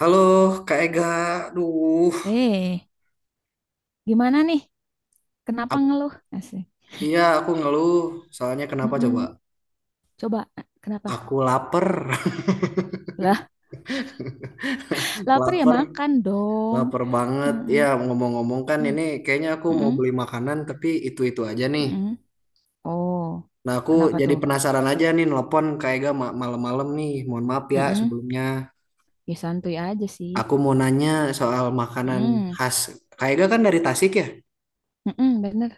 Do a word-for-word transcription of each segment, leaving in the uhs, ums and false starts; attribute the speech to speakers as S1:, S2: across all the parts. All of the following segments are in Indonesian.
S1: Halo Kak Ega, aduh,
S2: Eh, gimana nih? Kenapa
S1: Ap-
S2: ngeluh? Asik.
S1: iya aku ngeluh, soalnya kenapa coba?
S2: Mm-mm. Coba, eh, kenapa?
S1: Aku lapar,
S2: Lah, lapar ya
S1: lapar,
S2: makan dong.
S1: lapar banget.
S2: Mm-mm.
S1: Ya ngomong-ngomong kan
S2: Mm.
S1: ini kayaknya aku mau
S2: Mm-mm.
S1: beli makanan tapi itu-itu aja nih.
S2: Mm-mm. Oh,
S1: Nah aku
S2: kenapa
S1: jadi
S2: tuh?
S1: penasaran aja nih nelpon Kak Ega ma- malam-malam nih, mohon maaf ya
S2: Mm-mm.
S1: sebelumnya.
S2: Ya santuy aja sih.
S1: Aku mau nanya soal makanan
S2: Mm.
S1: khas. Kak Ega kan dari Tasik ya?
S2: Mm-mm, bener.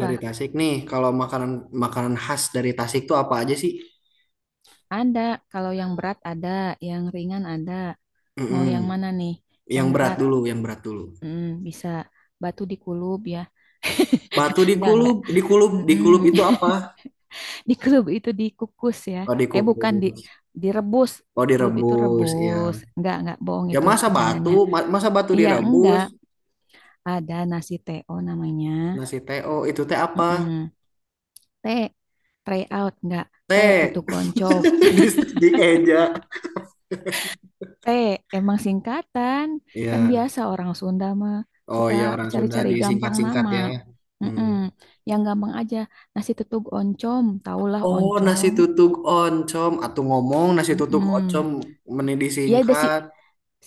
S1: Dari Tasik nih, kalau makanan makanan khas dari Tasik tuh apa aja sih?
S2: Ada. Kalau yang berat ada, yang ringan ada. Mau
S1: Mm-mm.
S2: yang mana nih? Yang
S1: Yang berat
S2: berat?
S1: dulu, yang berat dulu.
S2: Mm, bisa. Batu dikulub ya.
S1: Batu
S2: Enggak,
S1: dikulup,
S2: enggak.
S1: dikulup, dikulup
S2: Mm-mm.
S1: itu apa?
S2: Di klub itu dikukus ya.
S1: Oh,
S2: Eh bukan di
S1: dikukus.
S2: direbus.
S1: Oh,
S2: Klub itu
S1: direbus, ya.
S2: rebus. Enggak, enggak bohong
S1: Ya
S2: itu
S1: masa batu,
S2: bercandanya.
S1: ma- masa batu
S2: Iya,
S1: direbus.
S2: enggak. Ada nasi te o namanya.
S1: Nasi teo itu teh apa?
S2: Mm-mm. T, tray out enggak. T,
S1: Teh.
S2: tutuk oncop.
S1: di, dieja.
S2: T, emang singkatan. Kan
S1: Ya.
S2: biasa orang Sunda mah
S1: Oh,
S2: suka
S1: ya orang Sunda
S2: cari-cari gampang
S1: disingkat-singkat
S2: nama.
S1: ya. Hmm.
S2: Mm-mm. Yang gampang aja. Nasi tutuk oncom. Taulah
S1: Oh, nasi
S2: oncom.
S1: tutuk oncom atau ngomong nasi tutuk oncom
S2: Mm-mm.
S1: meni
S2: Iya ada sih.
S1: disingkat.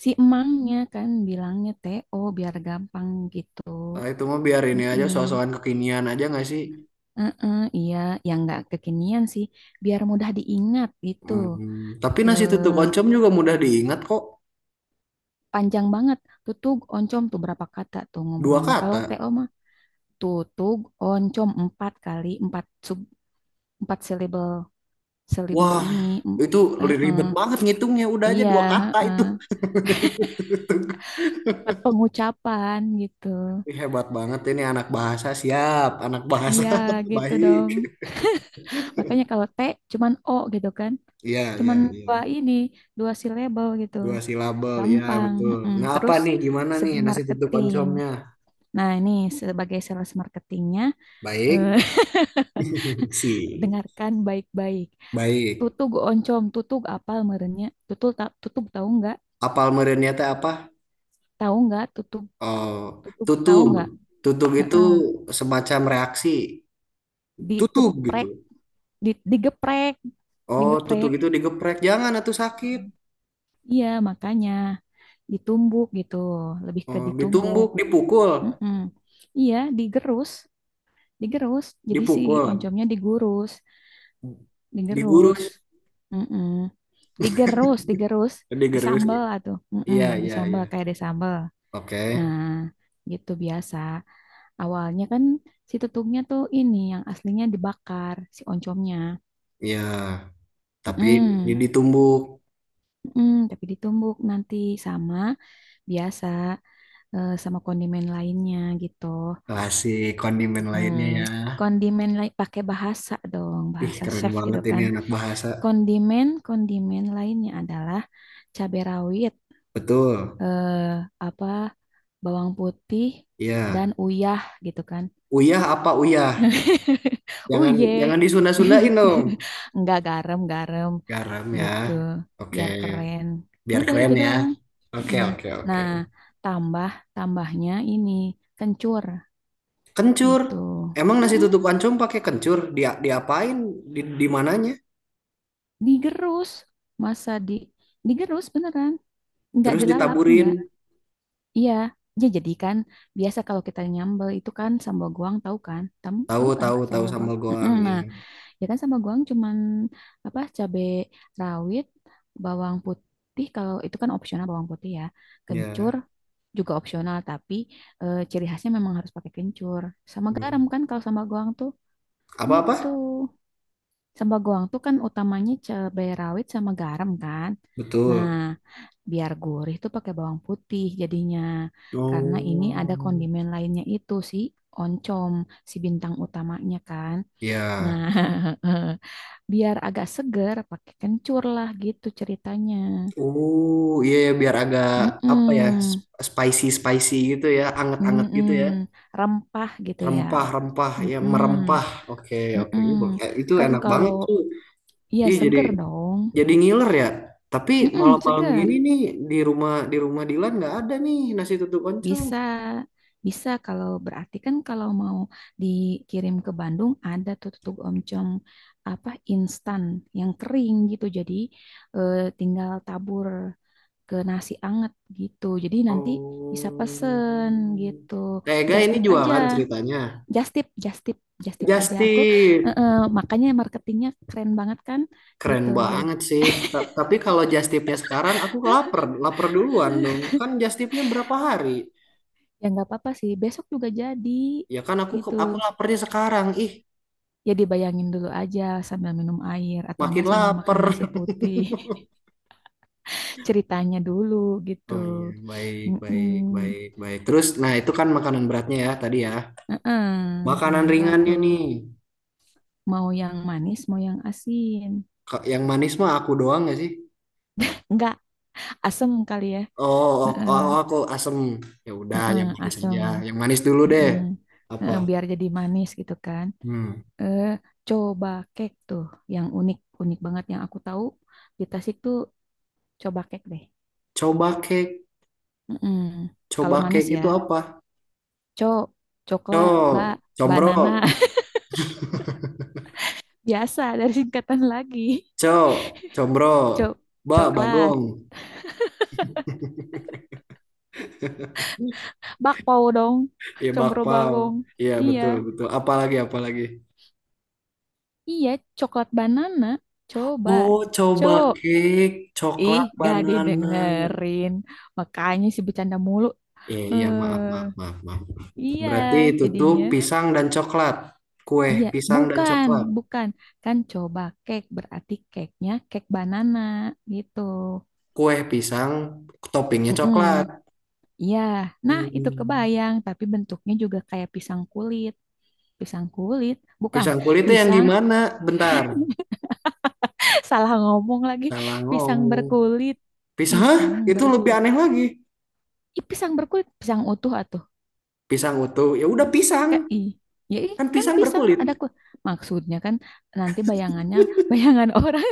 S2: Si emangnya kan bilangnya te o biar gampang gitu.
S1: Nah, itu mah biar ini aja so
S2: Mm-mm.
S1: kekinian aja nggak sih?
S2: Eh-eh, iya, yang nggak kekinian sih, biar mudah diingat gitu.
S1: Hmm. Tapi nasi tutuk
S2: Eh,
S1: oncom juga mudah diingat kok.
S2: panjang banget. Tutug oncom tuh berapa kata tuh
S1: Dua
S2: ngobrolnya. Kalau
S1: kata.
S2: te o mah tutug oncom empat kali empat sub empat syllable syllable
S1: Wah,
S2: ini. Em-
S1: itu
S2: eh-eh.
S1: ribet banget ngitungnya. Udah aja
S2: Iya,
S1: dua kata itu.
S2: eh empat pengucapan gitu.
S1: Ih, hebat banget ini anak bahasa siap, anak bahasa
S2: Iya gitu
S1: baik.
S2: dong. Makanya kalau T cuman O gitu kan.
S1: Iya, iya,
S2: Cuman
S1: iya.
S2: dua ini, dua label gitu.
S1: Dua silabel, ya
S2: Gampang.
S1: betul.
S2: Mm-mm.
S1: Nah, apa
S2: Terus
S1: nih? Gimana nih
S2: segi
S1: nasi tutup
S2: marketing.
S1: oncomnya?
S2: Nah, ini sebagai sales marketingnya, eh,
S1: Baik, si.
S2: dengarkan baik-baik.
S1: Baik.
S2: Tutug oncom, tutug apa merenya? Tutug, ta tutug tahu nggak?
S1: Apal merenya teh apa?
S2: Tahu nggak? Tutug,
S1: Oh,
S2: tutug tahu
S1: tutug.
S2: nggak?
S1: Tutug itu
S2: Heeh.
S1: semacam reaksi. Tutug
S2: Digeprek,
S1: gitu.
S2: di- digeprek,
S1: Oh, tutug
S2: digeprek.
S1: itu digeprek. Jangan, atuh sakit.
S2: Iya, makanya ditumbuk gitu, lebih ke
S1: Oh,
S2: ditumbuk.
S1: ditumbuk, dipukul,
S2: Mm-mm. Iya, digerus. Digerus jadi si
S1: dipukul.
S2: oncomnya digurus digerus.
S1: Digurus,
S2: Mm-mm. Digerus digerus
S1: digurus.
S2: disambel atau mm
S1: Iya, iya,
S2: disambel
S1: iya,
S2: kayak disambel.
S1: oke,
S2: Nah, gitu biasa awalnya kan si tutungnya tuh ini yang aslinya dibakar si oncomnya.
S1: iya. Tapi ini
S2: Mm-mm.
S1: ditumbuk,
S2: Mm-mm. Tapi ditumbuk nanti sama biasa eh, sama kondimen lainnya gitu.
S1: kasih kondimen lainnya ya.
S2: Mm, kondimen lain pakai bahasa dong,
S1: Ih,
S2: bahasa
S1: keren
S2: chef gitu
S1: banget ini
S2: kan.
S1: anak bahasa.
S2: Kondimen-kondimen lainnya adalah cabai rawit,
S1: Betul,
S2: eh, apa, bawang putih dan
S1: iya.
S2: uyah gitu kan.
S1: Uyah apa uyah? Jangan,
S2: Uyeh.
S1: jangan disunda-sundain dong.
S2: Enggak, garam-garam
S1: Garam ya.
S2: gitu,
S1: Oke,
S2: biar keren.
S1: biar
S2: Udah itu
S1: keren ya.
S2: doang.
S1: Oke,
S2: Mm.
S1: oke, oke,
S2: Nah, tambah tambahnya ini kencur
S1: kencur.
S2: gitu.
S1: Emang nasi
S2: Mm-mm.
S1: tutup oncom pakai kencur, dia diapain? Di di mananya?
S2: Digerus, masa di digerus beneran. Enggak
S1: Terus
S2: dilalap, enggak.
S1: ditaburin.
S2: Iya, ya jadi kan biasa kalau kita nyambel itu kan sambal goang tahu kan? Tahu
S1: Tahu,
S2: tahu kan
S1: tahu, tahu
S2: sambal goang?
S1: sambal
S2: Mm-mm,
S1: goang,
S2: nah,
S1: iya
S2: ya kan sambal goang cuman apa cabe rawit, bawang putih kalau itu kan opsional bawang putih ya. Kencur
S1: ya.
S2: juga opsional tapi eh, ciri khasnya memang harus pakai kencur sama garam
S1: Hmm.
S2: kan kalau sambal goang tuh gitu.
S1: Apa-apa?
S2: Sambal goang tuh kan utamanya cabai rawit sama garam kan. Nah,
S1: Betul.
S2: biar gurih tuh pakai bawang putih jadinya. Karena ini ada
S1: Oh,
S2: kondimen lainnya itu si oncom, si bintang utamanya kan. Nah,
S1: ya.
S2: biar agak seger pakai kencur lah gitu ceritanya.
S1: Oh, iya ya, biar agak apa ya?
S2: Mm-mm,
S1: Spicy spicy gitu ya, anget-anget
S2: mm-mm,
S1: gitu ya.
S2: rempah gitu ya.
S1: Rempah-rempah ya
S2: Mm-mm,
S1: merempah. Oke, oke.
S2: mm-mm.
S1: Ini bo- eh, Itu
S2: Kan
S1: enak
S2: kalau
S1: banget tuh.
S2: iya
S1: Iya jadi
S2: seger dong.
S1: jadi ngiler ya. Tapi
S2: Mm-mm,
S1: malam-malam gini
S2: seger.
S1: nih di rumah di rumah Dilan nggak ada nih nasi tutuk oncom.
S2: Bisa, bisa kalau berarti kan kalau mau dikirim ke Bandung ada tuh tutug oncom apa instan yang kering gitu. Jadi eh, tinggal tabur ke nasi anget gitu. Jadi nanti bisa
S1: Oh.
S2: pesen gitu.
S1: Tega
S2: Just
S1: ini
S2: tip aja,
S1: jualan ceritanya.
S2: just tip, just tip, just tip aja. Aku eh,
S1: Justin.
S2: eh, Makanya marketingnya keren banget kan
S1: Keren
S2: gitu.
S1: banget sih. Ta- Tapi kalau just tipnya sekarang aku lapar, lapar duluan dong. Kan just tipnya berapa hari?
S2: Ya nggak apa-apa sih. Besok juga jadi
S1: Ya kan aku
S2: gitu.
S1: aku laparnya sekarang. Ih,
S2: Ya dibayangin dulu aja sambil minum air atau
S1: makin
S2: enggak sambil
S1: lapar.
S2: makan nasi putih ceritanya dulu gitu.
S1: Oh iya, baik, baik,
S2: Mm-mm.
S1: baik, baik. Terus nah itu kan makanan beratnya ya tadi ya.
S2: Mm-mm.
S1: Makanan
S2: Makanan berat
S1: ringannya
S2: tuh
S1: nih.
S2: mau yang manis mau yang asin
S1: Ka- Yang manis mah aku doang gak sih?
S2: enggak asem kali ya.
S1: Oh, oh, oh, oh,
S2: Mm-mm.
S1: oh, aku asem. Ya udah,
S2: Mm-mm,
S1: yang manis aja.
S2: asem.
S1: Yang manis dulu deh.
S2: Mm-mm.
S1: Apa?
S2: Mm-mm, biar jadi manis gitu kan.
S1: Hmm.
S2: eh coba cake tuh yang unik unik banget yang aku tahu di Tasik tuh coba cake deh.
S1: Coba cake.
S2: Mm-mm.
S1: Coba
S2: Kalau manis
S1: cake
S2: ya
S1: itu apa?
S2: Cok,
S1: Co,
S2: coklat, bak,
S1: combro.
S2: banana. Biasa dari singkatan lagi.
S1: Cow, combro,
S2: Cok,
S1: ba,
S2: coklat.
S1: bagong,
S2: Bakpao dong.
S1: iya
S2: Combro
S1: bakpao,
S2: bagong.
S1: iya
S2: Iya.
S1: betul betul. Apalagi apalagi.
S2: Iya, coklat banana. Coba.
S1: Oh, coba
S2: Cok.
S1: cake,
S2: Ih,
S1: coklat,
S2: gak
S1: banana.
S2: didengerin. Makanya si bercanda mulu.
S1: Iya iya maaf
S2: Eh,
S1: maaf maaf maaf.
S2: iya,
S1: Berarti itu tuh
S2: jadinya.
S1: pisang dan coklat, kue
S2: Iya,
S1: pisang dan
S2: bukan,
S1: coklat,
S2: bukan. Kan coba cake berarti cake-nya cake banana gitu.
S1: kue pisang, toppingnya
S2: Mm-mm.
S1: coklat.
S2: Iya, nah itu
S1: Hmm.
S2: kebayang, tapi bentuknya juga kayak pisang kulit. Pisang kulit, bukan
S1: Pisang kulitnya yang
S2: pisang,
S1: gimana? Bentar,
S2: salah ngomong lagi.
S1: salah
S2: Pisang
S1: ngomong.
S2: berkulit,
S1: Pisang, hah?
S2: pisang
S1: Itu lebih
S2: berkulit,
S1: aneh lagi.
S2: Ih, pisang berkulit, pisang utuh atau
S1: Pisang utuh, ya udah pisang,
S2: ka i. Ya ih,
S1: kan
S2: kan
S1: pisang
S2: pisang
S1: berkulit.
S2: ada ku. Maksudnya kan nanti bayangannya bayangan orang,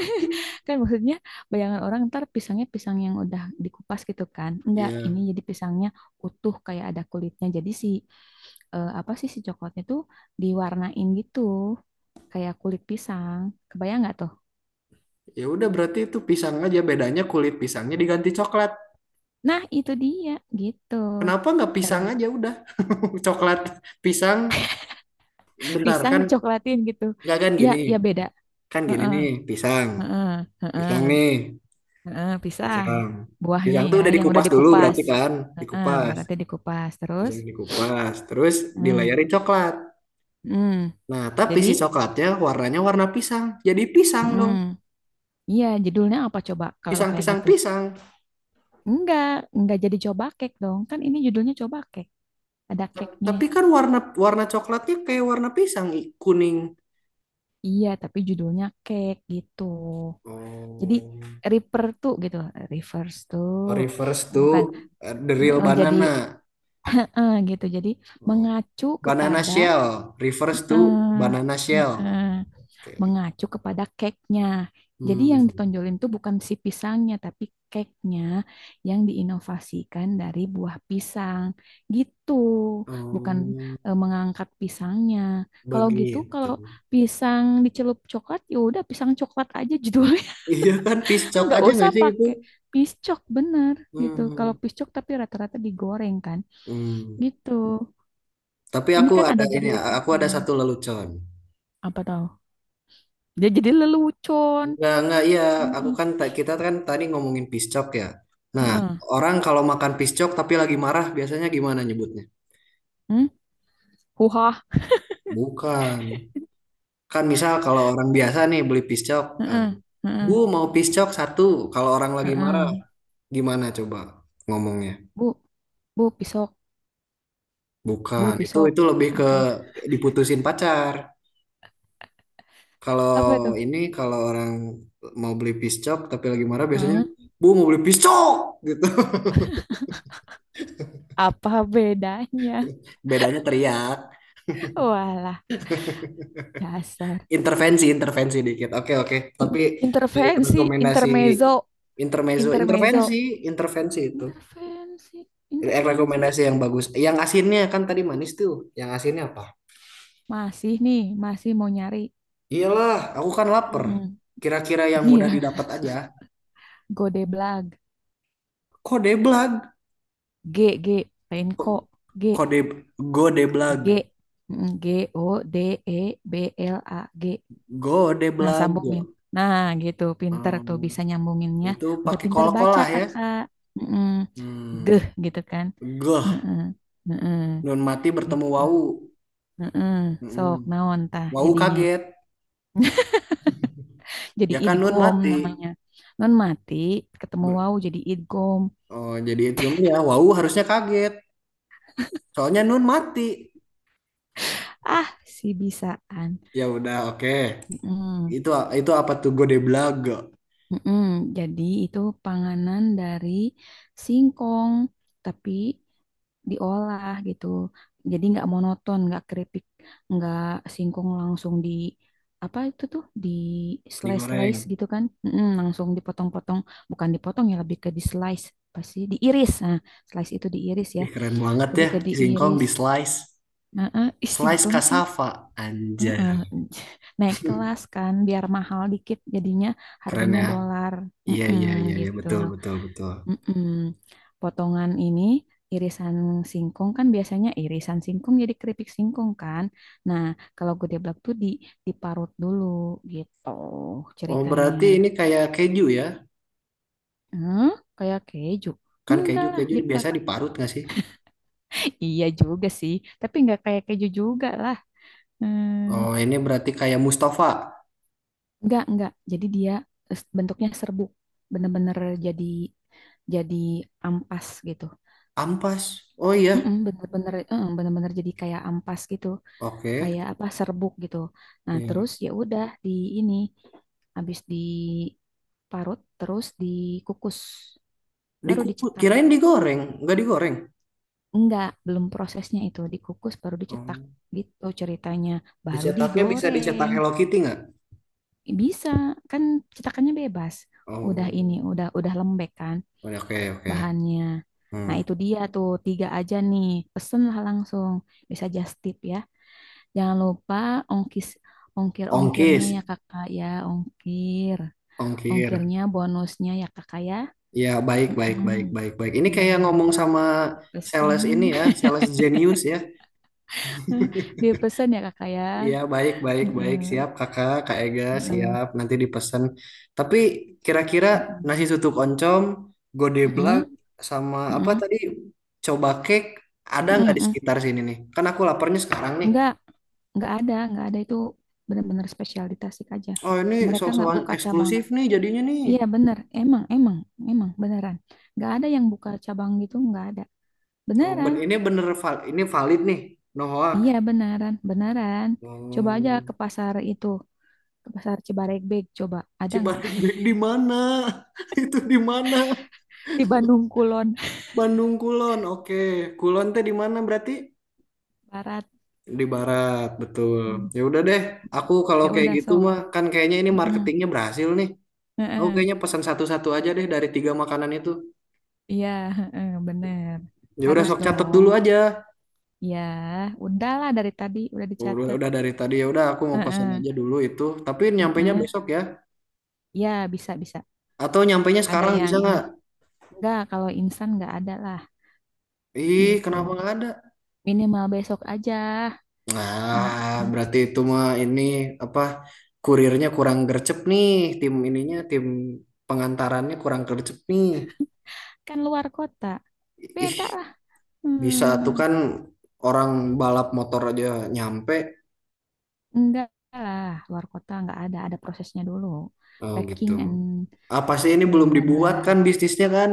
S2: kan maksudnya bayangan orang ntar pisangnya pisang yang udah dikupas gitu kan. Enggak,
S1: Ya.
S2: ini jadi pisangnya utuh kayak ada kulitnya. Jadi si eh, apa sih si coklatnya tuh diwarnain gitu kayak kulit pisang. Kebayang nggak tuh?
S1: Ya udah berarti itu pisang aja bedanya kulit pisangnya diganti coklat.
S2: Nah, itu dia gitu.
S1: Kenapa nggak pisang
S2: Dalam
S1: aja udah. Coklat pisang, bentar
S2: pisang
S1: kan.
S2: dicoklatin gitu.
S1: Nggak, kan
S2: Ya,
S1: gini,
S2: ya beda.
S1: kan gini
S2: Heeh,
S1: nih pisang,
S2: heeh, heeh.
S1: pisang nih
S2: Heeh, pisang.
S1: pisang,
S2: Buahnya
S1: pisang tuh
S2: ya,
S1: udah
S2: yang udah
S1: dikupas dulu
S2: dikupas.
S1: berarti kan,
S2: Heeh,
S1: dikupas,
S2: berarti dikupas terus.
S1: pisang dikupas terus
S2: Hmm.
S1: dilayari coklat.
S2: Hmm.
S1: Nah tapi
S2: Jadi,
S1: si coklatnya warnanya warna pisang, jadi pisang dong,
S2: hmm. Iya, judulnya apa coba kalau
S1: pisang
S2: kayak
S1: pisang
S2: gitu?
S1: pisang.
S2: Enggak, enggak jadi coba cake dong. Kan ini judulnya coba cake. Ada
S1: Ta-
S2: cake-nya.
S1: Tapi kan warna warna coklatnya kayak warna pisang i- kuning.
S2: Iya, tapi judulnya cake gitu. Jadi
S1: Oh.
S2: refer tuh gitu, reverse tuh.
S1: Oh, refers to
S2: Bukan
S1: uh, the real
S2: eh, jadi
S1: banana.
S2: eh, gitu. Jadi
S1: Oh.
S2: mengacu
S1: Banana
S2: kepada
S1: shell refers to
S2: eh,
S1: banana
S2: eh,
S1: shell.
S2: eh,
S1: Oke.
S2: mengacu kepada cake-nya. Jadi yang
S1: Hmm.
S2: ditonjolin tuh bukan si pisangnya, tapi cake-nya yang diinovasikan dari buah pisang. Gitu, bukan
S1: Oh,
S2: eh, mengangkat pisangnya. Kalau gitu,
S1: begitu.
S2: kalau pisang dicelup coklat, ya udah pisang coklat aja judulnya.
S1: Iya kan piscok
S2: Nggak
S1: aja
S2: usah
S1: nggak sih itu?
S2: pakai piscok, bener gitu. Kalau
S1: Hmm.
S2: piscok tapi rata-rata digoreng kan.
S1: Hmm.
S2: Gitu.
S1: Tapi
S2: Ini
S1: aku
S2: kan
S1: ada
S2: ada
S1: ini,
S2: judul
S1: aku ada
S2: cake-nya.
S1: satu lelucon.
S2: Apa tahu? Dia jadi lelucon.
S1: Enggak, enggak, iya. Aku
S2: Heeh.
S1: kan, ta- kita kan tadi ngomongin piscok ya. Nah,
S2: Heeh.
S1: orang kalau makan piscok tapi lagi marah, biasanya gimana nyebutnya?
S2: Hmm? Huha.
S1: Bukan. Kan misal kalau orang biasa nih beli piscok, eh,
S2: Heeh,
S1: Bu
S2: heeh,
S1: mau piscok satu. Kalau orang lagi marah,
S2: heeh.
S1: gimana coba ngomongnya?
S2: Bu, bu pisok,
S1: Bukan,
S2: bu
S1: itu
S2: pisok.
S1: itu lebih ke
S2: Apa?
S1: diputusin pacar. Kalau
S2: Apa tuh?
S1: ini kalau orang mau beli piscok tapi lagi marah biasanya,
S2: Heeh.
S1: Bu mau beli piscok gitu.
S2: Apa bedanya?
S1: Bedanya teriak,
S2: Walah, dasar.
S1: intervensi intervensi dikit. Oke oke. Tapi
S2: In-
S1: eh,
S2: intervensi,
S1: rekomendasi
S2: intermezzo,
S1: intermezzo, intervensi
S2: intermezzo.
S1: intervensi itu.
S2: Intervensi,
S1: Eh,
S2: intervensi.
S1: rekomendasi yang bagus. Yang asinnya kan tadi manis tuh. Yang asinnya apa?
S2: Masih nih, masih mau nyari.
S1: Iyalah, aku kan lapar.
S2: Heeh.
S1: Kira-kira yang mudah
S2: Iya,
S1: didapat aja.
S2: Godeblag.
S1: Kodeblag.
S2: G, G, lain kok.
S1: Ko-
S2: G,
S1: Kode Godeblag.
S2: G. Mm, G O D E B L A G. Nah,
S1: Godeblag.
S2: sambungin. Nah, gitu. Pinter tuh
S1: Hmm,
S2: bisa nyambunginnya.
S1: itu
S2: Udah
S1: pakai
S2: pintar baca,
S1: kol-kolah ya.
S2: kakak. Mm-mm. Geh,
S1: Hmm,
S2: gitu kan.
S1: Goh.
S2: Heeh, heeh,
S1: Nun mati bertemu
S2: gitu.
S1: wau.
S2: Heeh.
S1: Hmm,
S2: Sok, naon tah
S1: Wau
S2: jadinya.
S1: kaget.
S2: Jadi
S1: Ya kan nun
S2: idgom
S1: mati.
S2: namanya. Non mati ketemu
S1: Ber-
S2: wau jadi idgom.
S1: oh, jadi idgamnya wau harusnya kaget. Soalnya nun mati.
S2: Ah, si bisaan.
S1: Ya udah, oke.
S2: Mm-mm.
S1: Itu itu apa tuh Godeblag
S2: Mm-mm, jadi itu panganan dari singkong, tapi diolah gitu. Jadi nggak monoton, nggak keripik, nggak singkong langsung di apa itu tuh di slice slice
S1: digoreng.
S2: gitu kan? Mm-mm, langsung dipotong-potong, bukan dipotong ya lebih ke di slice, pasti diiris. Nah, slice itu diiris ya,
S1: Ih, keren banget
S2: lebih
S1: ya
S2: ke
S1: singkong
S2: diiris.
S1: di slice.
S2: Nah, ah, ih,
S1: Slice
S2: singkong sih.
S1: cassava anjay.
S2: Heeh, naik kelas kan biar mahal dikit jadinya
S1: Keren
S2: harganya
S1: ya.
S2: dolar.
S1: Iya iya
S2: Mm-mm,
S1: iya iya
S2: gitu.
S1: betul betul betul.
S2: Mm-mm. Potongan ini irisan singkong kan biasanya irisan singkong jadi keripik singkong kan. Nah, kalau gedeblak tuh di diparut dulu gitu
S1: Oh,
S2: ceritanya.
S1: berarti ini kayak keju ya?
S2: Hmm, kayak keju.
S1: Kan keju
S2: Enggak lah,
S1: keju
S2: diparut.
S1: biasanya diparut nggak sih?
S2: Iya juga sih, tapi enggak kayak keju juga lah. Hmm.
S1: Oh, ini berarti kayak Mustafa.
S2: Enggak, enggak. Jadi dia eh, bentuknya serbuk. Bener-bener jadi jadi ampas gitu.
S1: Ampas. Oh iya.
S2: Mm-mm, bener-bener eh, bener-bener jadi kayak ampas gitu,
S1: Oke.
S2: kayak apa serbuk gitu. Nah, terus
S1: Iya.
S2: ya udah di ini habis diparut terus dikukus baru
S1: Dikukus,
S2: dicetak.
S1: kirain digoreng, nggak digoreng.
S2: Enggak, belum prosesnya itu dikukus baru dicetak
S1: Oh.
S2: gitu ceritanya. Baru
S1: Dicetaknya bisa dicetak
S2: digoreng.
S1: Hello Kitty nggak?
S2: Bisa, kan cetakannya bebas. Udah ini,
S1: Oh.
S2: udah udah lembek kan
S1: Oke oke oke.
S2: bahannya. Nah,
S1: Hmm.
S2: itu dia tuh tiga aja nih. Pesenlah langsung. Bisa just tip ya. Jangan lupa ongkis ongkir-ongkirnya
S1: Ongkis,
S2: ya Kakak ya, ongkir.
S1: ongkir.
S2: Ongkirnya bonusnya ya Kakak ya.
S1: Ya, baik, baik, baik, baik, baik.
S2: Mm-mm.
S1: Ini kayak
S2: Mm.
S1: ngomong sama
S2: Dipesen.
S1: sales ini ya, sales genius ya.
S2: Dipesen ya Kakak ya.
S1: Iya, baik, baik, baik.
S2: Heeh.
S1: Siap, kakak, Kak Ega,
S2: Heeh.
S1: siap. Nanti dipesan. Tapi kira-kira nasi
S2: Heeh.
S1: tutuk oncom, godeblak,
S2: Heeh.
S1: sama apa
S2: Heeh.
S1: tadi, coba cake, ada nggak di
S2: Heeh.
S1: sekitar sini nih? Kan aku laparnya sekarang nih.
S2: Enggak, enggak ada, enggak ada itu benar-benar spesial di Tasik aja.
S1: Oh, ini
S2: Mereka enggak
S1: soal-soal
S2: buka cabang.
S1: eksklusif nih jadinya nih.
S2: Iya bener, emang, emang, emang beneran. Enggak ada yang buka cabang gitu, enggak ada.
S1: Oh, ben
S2: Beneran,
S1: ini bener, val- ini valid nih. No
S2: iya
S1: hoax.
S2: beneran, beneran. Coba aja
S1: Oh.
S2: ke pasar itu, ke pasar Cibaregbek, coba. Ada nggak.
S1: Cibareng Baik di mana? Itu di mana?
S2: Di Bandung Kulon
S1: Bandung Kulon. Oke, Kulon teh di mana berarti?
S2: Barat.
S1: Di barat, betul.
S2: Hmm,
S1: Ya udah deh, aku kalau
S2: ya
S1: kayak
S2: udah
S1: gitu
S2: sok.
S1: mah kan kayaknya ini
S2: Mm-mm.
S1: marketingnya berhasil nih. Aku
S2: Heeh.
S1: kayaknya pesan satu-satu aja deh dari tiga makanan itu.
S2: Iya, heeh, bener.
S1: Ya udah
S2: Harus
S1: sok catet
S2: dong.
S1: dulu aja.
S2: Ya, udahlah dari tadi udah
S1: Udah,
S2: dicatat.
S1: udah dari tadi ya udah aku mau pesan
S2: Heeh.
S1: aja dulu itu. Tapi nyampainya
S2: Heeh.
S1: besok ya.
S2: Ya, bisa, bisa.
S1: Atau nyampainya
S2: Ada
S1: sekarang
S2: yang
S1: bisa
S2: ini.
S1: nggak?
S2: Enggak, kalau instan enggak ada lah,
S1: Ih, kenapa
S2: gitu.
S1: nggak ada?
S2: Minimal besok aja.
S1: Nah,
S2: Mm-mm.
S1: berarti itu mah ini apa? Kurirnya kurang gercep nih, tim ininya, tim pengantarannya kurang gercep nih.
S2: Kan luar kota.
S1: Ih,
S2: Beda lah.
S1: bisa tuh
S2: Hmm.
S1: kan, orang balap motor aja nyampe.
S2: Enggak lah, luar kota enggak ada. Ada prosesnya dulu.
S1: Oh gitu.
S2: Packing and
S1: Apa sih, ini
S2: bla
S1: belum
S2: bla
S1: dibuat kan
S2: bla.
S1: bisnisnya kan.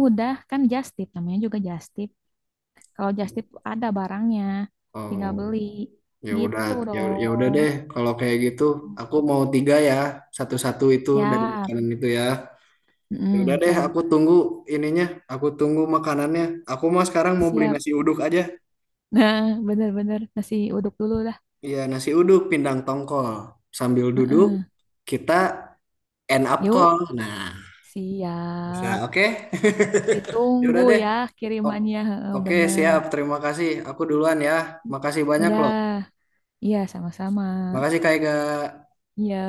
S2: Udah, kan just tip. Namanya juga just tip. Kalau just tip ada barangnya.
S1: Oh,
S2: Tinggal beli.
S1: ya udah.
S2: Gitu
S1: Ya, ya udah
S2: dong.
S1: deh, kalau kayak gitu aku mau tiga ya, satu-satu itu dari
S2: Siap.
S1: makanan itu ya. Ya udah
S2: Mm,
S1: deh,
S2: so,
S1: aku tunggu ininya, aku tunggu makanannya. Aku mau sekarang mau beli
S2: siap.
S1: nasi uduk aja.
S2: Nah, bener-bener nasi uduk dulu.
S1: Iya, nasi uduk pindang tongkol sambil duduk,
S2: Heeh.
S1: kita end up
S2: Yuk,
S1: call nah bisa
S2: siap.
S1: oke. Ya udah
S2: Ditunggu
S1: deh.
S2: ya
S1: O-
S2: kirimannya. Heeh,
S1: Oke,
S2: bener.
S1: siap. Terima kasih. Aku duluan ya. Makasih banyak loh.
S2: Ya, iya sama-sama.
S1: Makasih Kak Ega.
S2: Ya.